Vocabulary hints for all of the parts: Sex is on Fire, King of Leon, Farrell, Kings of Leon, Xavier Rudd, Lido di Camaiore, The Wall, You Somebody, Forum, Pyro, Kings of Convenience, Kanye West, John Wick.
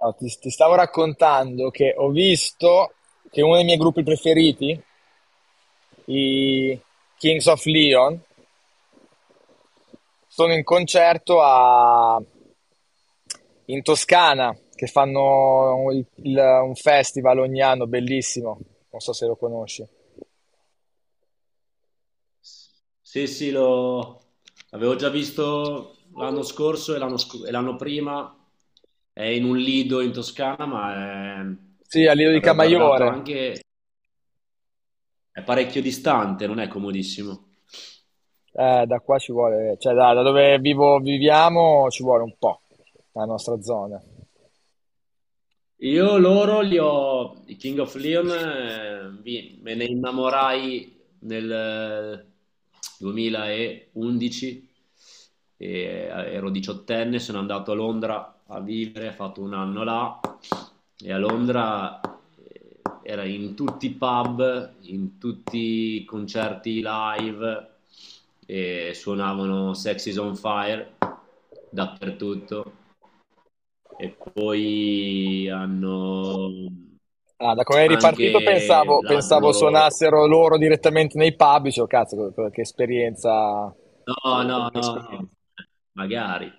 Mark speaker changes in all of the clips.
Speaker 1: No, ti stavo raccontando che ho visto che uno dei miei gruppi preferiti, i Kings of Leon, sono in concerto in Toscana, che fanno un festival ogni anno bellissimo, non so se lo conosci.
Speaker 2: Sì, sì, l'avevo già visto l'anno scorso e e l'anno prima, è in un lido in Toscana, è-
Speaker 1: Sì, a Lido di
Speaker 2: l'avevo guardato
Speaker 1: Camaiore.
Speaker 2: anche, è parecchio distante, non è comodissimo.
Speaker 1: Da qua ci vuole, cioè da dove vivo, viviamo, ci vuole un po', la nostra zona.
Speaker 2: Io loro li ho, i King of Leon, me ne innamorai nel 2011, e ero diciottenne, sono andato a Londra a vivere, ho fatto un anno là e a Londra, era in tutti i pub, in tutti i concerti live e suonavano Sex is on Fire dappertutto. E poi hanno
Speaker 1: Ah, da come è ripartito
Speaker 2: anche l'altro
Speaker 1: pensavo
Speaker 2: loro...
Speaker 1: suonassero loro direttamente nei pub, dicevo, cazzo, che esperienza...
Speaker 2: no, no, no, no, magari.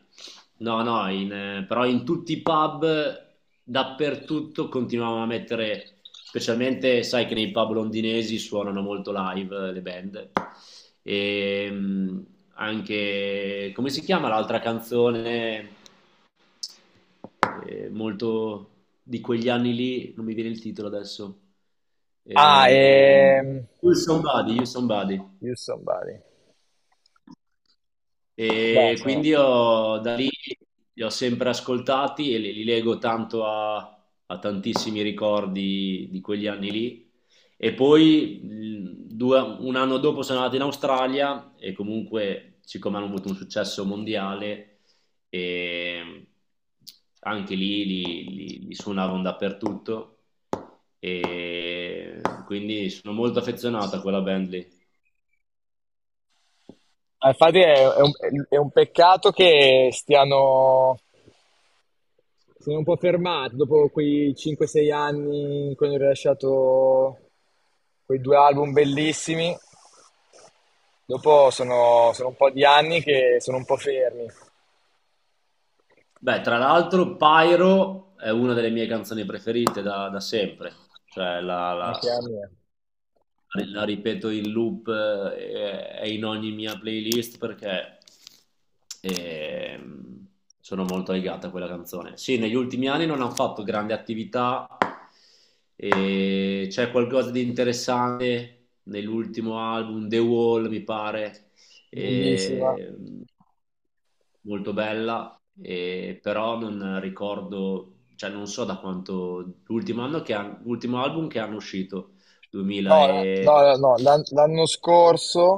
Speaker 2: No, no, in, Però in tutti i pub, dappertutto, continuavano a mettere, specialmente sai che nei pub londinesi suonano molto live, le band. E, anche, come si chiama l'altra canzone? Molto di quegli anni lì, non mi viene il titolo adesso.
Speaker 1: Ah,
Speaker 2: Ehm,
Speaker 1: e...
Speaker 2: You Somebody, You Somebody.
Speaker 1: You Somebody. Beh,
Speaker 2: E
Speaker 1: sono...
Speaker 2: quindi da lì li ho sempre ascoltati e li lego tanto a tantissimi ricordi di quegli anni lì. E poi un anno dopo sono andato in Australia e comunque, siccome hanno avuto un successo mondiale, e anche lì li suonavano dappertutto. E quindi sono molto affezionato a quella band lì.
Speaker 1: Ah, infatti è un peccato che stiano... Sono un po' fermati dopo quei 5-6 anni in cui hanno rilasciato quei due album bellissimi. Dopo sono, sono un po' di anni che sono un po' fermi,
Speaker 2: Beh, tra l'altro, Pyro è una delle mie canzoni preferite da sempre. Cioè,
Speaker 1: anche a me.
Speaker 2: la ripeto in loop, e in ogni mia playlist perché ehm, sono molto legata a quella canzone. Sì, negli ultimi anni non hanno fatto grandi attività, e c'è qualcosa di interessante nell'ultimo album, The Wall, mi pare,
Speaker 1: Bellissima.
Speaker 2: e- molto bella, però non ricordo, cioè non so da quanto, l'ultimo anno l'ultimo album che hanno uscito.
Speaker 1: No,
Speaker 2: 2000
Speaker 1: no, no,
Speaker 2: e...
Speaker 1: no, l'anno scorso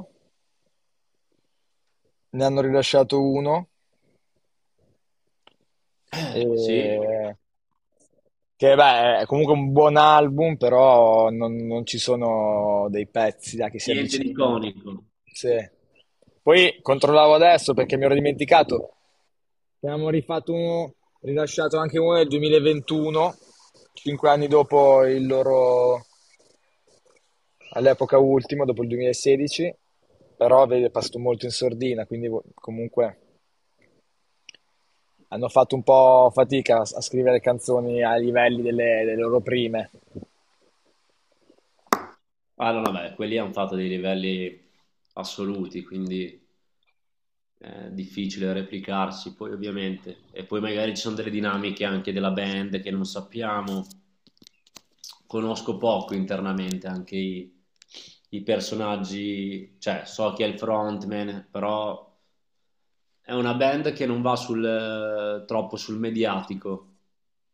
Speaker 1: ne hanno rilasciato uno,
Speaker 2: Sì,
Speaker 1: e che beh, è comunque un buon album, però non ci sono dei pezzi da che si
Speaker 2: niente di
Speaker 1: avvicinano.
Speaker 2: iconico.
Speaker 1: Sì. Poi controllavo adesso perché mi ero dimenticato. Ne abbiamo rifatto uno, rilasciato anche uno nel 2021, 5 anni dopo il loro all'epoca ultimo, dopo il 2016, però vedi, è passato molto in sordina, quindi vo- comunque hanno fatto un po' fatica a scrivere canzoni ai livelli delle loro prime.
Speaker 2: Ah no, vabbè, quelli hanno fatto dei livelli assoluti, quindi è difficile replicarsi, poi ovviamente. E poi magari ci sono delle dinamiche anche della band che non sappiamo. Conosco poco internamente anche i personaggi, cioè so chi è il frontman, però è una band che non va sul, troppo sul mediatico.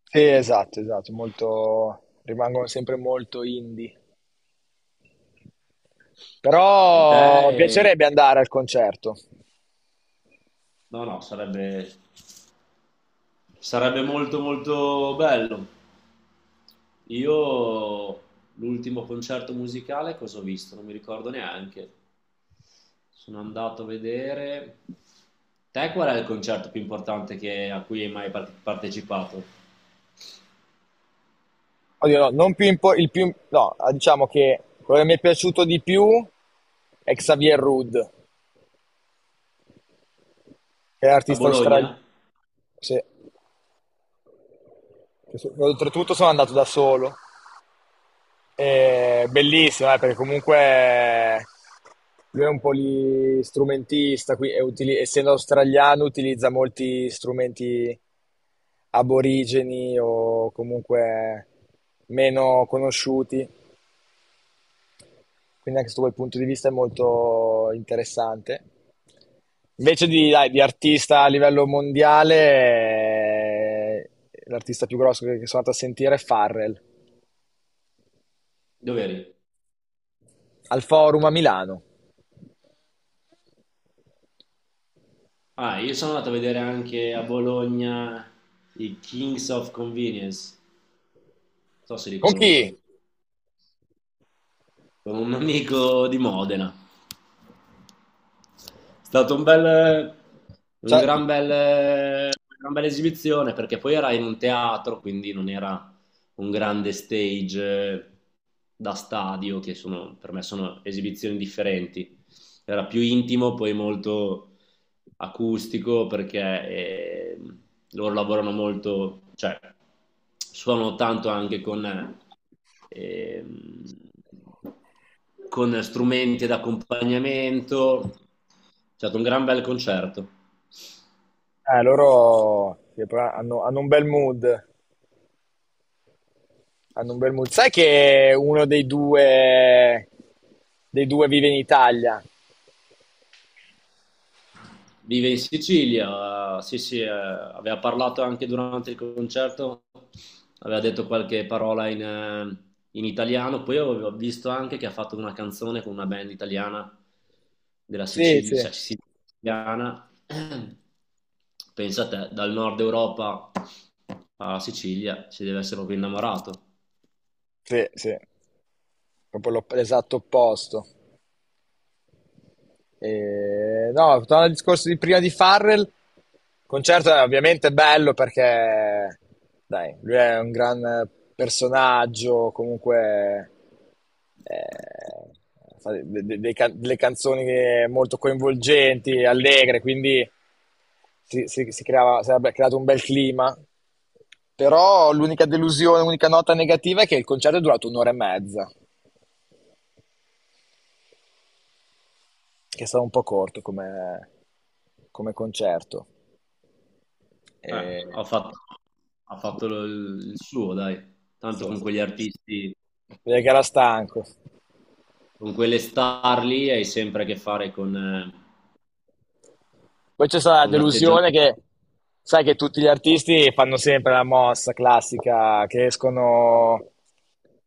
Speaker 1: Sì, esatto, esatto, molto, rimangono sempre molto indie.
Speaker 2: E te
Speaker 1: Però piacerebbe andare al concerto.
Speaker 2: no, no, sarebbe, sarebbe molto molto bello. Io l'ultimo concerto musicale cosa ho visto? Non mi ricordo neanche. Sono andato a vedere... Te qual è il concerto più importante a cui hai mai partecipato?
Speaker 1: Oddio, no, non più impo- il più, no, diciamo che quello che mi è piaciuto di più è Xavier Rudd, che è
Speaker 2: A
Speaker 1: l'artista australiano.
Speaker 2: Bologna?
Speaker 1: Sì. Oltretutto sono andato da solo. E bellissimo, perché comunque lui è un polistrumentista, qui, e utili- essendo australiano utilizza molti strumenti aborigeni o comunque meno conosciuti, quindi anche su quel punto di vista è molto interessante. Invece di, dai, di artista a livello mondiale, l'artista più grosso che sono andato a sentire è Farrell,
Speaker 2: Dove eri?
Speaker 1: al Forum a Milano.
Speaker 2: Ah, io sono andato a vedere anche a Bologna i Kings of Convenience. Non so se li
Speaker 1: Con chi?
Speaker 2: conosci. Con un amico di Modena. Stato un bel, un
Speaker 1: Cioè,
Speaker 2: gran bel, una gran bella esibizione perché poi era in un teatro, quindi non era un grande stage, da stadio, che sono, per me sono esibizioni differenti. Era più intimo, poi molto acustico perché eh, loro lavorano molto, cioè suonano tanto anche eh, con strumenti d'accompagnamento. È stato un gran bel concerto.
Speaker 1: eh, loro sì, però hanno, hanno un bel mood, hanno un bel mood. Sai che uno dei due vive in Italia?
Speaker 2: Vive in Sicilia, sì sì, aveva parlato anche durante il concerto, aveva detto qualche parola in italiano, poi ho visto anche che ha fatto una canzone con una band italiana della
Speaker 1: Sì,
Speaker 2: Sicilia,
Speaker 1: sì.
Speaker 2: cioè siciliana, pensa a te, dal nord Europa alla Sicilia, si deve essere proprio innamorato.
Speaker 1: Sì, sì, proprio l'op- l'esatto opposto. E, no, tornando al discorso di prima di Farrell, il concerto è ovviamente bello perché dai, lui è un gran personaggio, comunque eh, fa dei delle canzoni molto coinvolgenti, allegre, quindi si, si creava, si era creato un bel clima. Però l'unica delusione, l'unica nota negativa è che il concerto è durato un'ora e mezza, che è stato un po' corto come, come concerto.
Speaker 2: Eh,
Speaker 1: Eh,
Speaker 2: ha fatto, il suo, dai,
Speaker 1: sì,
Speaker 2: tanto con
Speaker 1: sì.
Speaker 2: quegli artisti.
Speaker 1: Direi che era stanco.
Speaker 2: Con quelle star lì hai sempre a che fare
Speaker 1: Poi c'è stata la
Speaker 2: con un
Speaker 1: delusione
Speaker 2: atteggiamento.
Speaker 1: che sai che tutti gli artisti fanno sempre la mossa classica che escono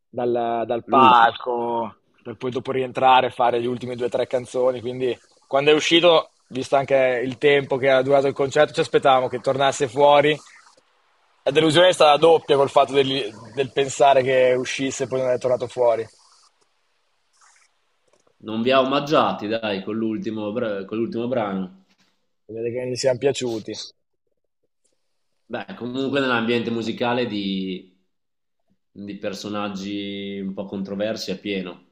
Speaker 1: dal
Speaker 2: L'ultimo.
Speaker 1: palco per poi dopo rientrare e fare le ultime due o tre canzoni. Quindi quando è uscito, visto anche il tempo che ha durato il concerto, ci aspettavamo che tornasse fuori. La delusione è stata doppia col fatto del pensare che uscisse e poi non è tornato fuori.
Speaker 2: Non vi ha omaggiati, dai, con con l'ultimo brano.
Speaker 1: Vedete che gli siamo piaciuti.
Speaker 2: Beh, comunque nell'ambiente musicale di personaggi un po' controversi è pieno.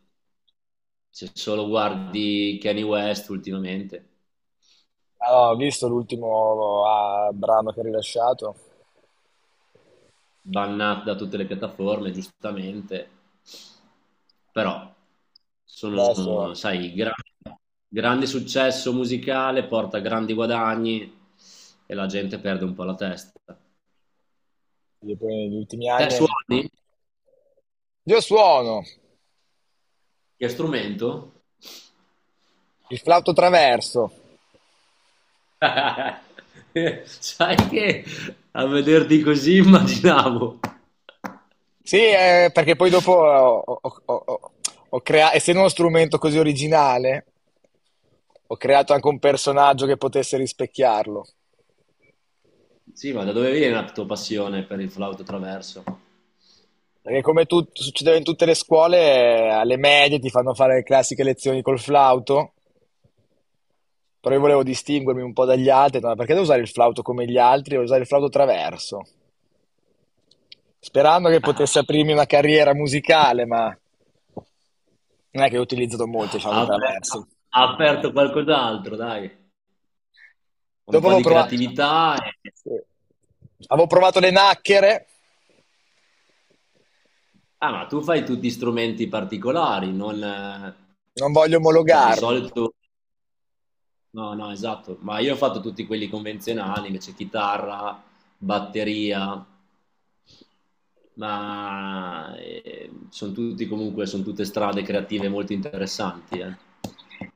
Speaker 2: Se solo guardi Kanye West ultimamente.
Speaker 1: Allora, ho visto l'ultimo ah, brano che ha rilasciato,
Speaker 2: Bannati da tutte le piattaforme, giustamente, però
Speaker 1: adesso,
Speaker 2: sono,
Speaker 1: buono.
Speaker 2: sai, grande successo musicale porta grandi guadagni e la gente perde un po' la testa.
Speaker 1: E poi negli ultimi
Speaker 2: Te
Speaker 1: anni.
Speaker 2: suoni?
Speaker 1: Io suono
Speaker 2: Che strumento?
Speaker 1: il flauto traverso.
Speaker 2: Sai che a vederti così immaginavo.
Speaker 1: Sì, perché poi dopo ho- ho- essendo uno strumento così originale, ho creato anche un personaggio che potesse rispecchiarlo.
Speaker 2: Sì, ma da dove viene la tua passione per il flauto traverso?
Speaker 1: Perché come tu- succedeva in tutte le scuole, alle medie ti fanno fare le classiche lezioni col flauto, però io volevo distinguermi un po' dagli altri, no, perché devo usare il flauto come gli altri, devo usare il flauto traverso. Sperando che potesse aprirmi una carriera musicale, ma non è che ho utilizzato molto i
Speaker 2: Ha aper-
Speaker 1: traversi.
Speaker 2: ha aperto qualcos'altro, dai, un
Speaker 1: Dopo
Speaker 2: po'
Speaker 1: avevo
Speaker 2: di
Speaker 1: provato,
Speaker 2: creatività. e-
Speaker 1: sì. Avevo provato le nacchere,
Speaker 2: Ah, ma tu fai tutti strumenti particolari, non...
Speaker 1: non voglio
Speaker 2: cioè,
Speaker 1: omologarmi.
Speaker 2: no, no, esatto, ma io ho fatto tutti quelli convenzionali, invece chitarra, batteria, ma, sono tutti comunque, sono tutte strade creative molto interessanti, eh.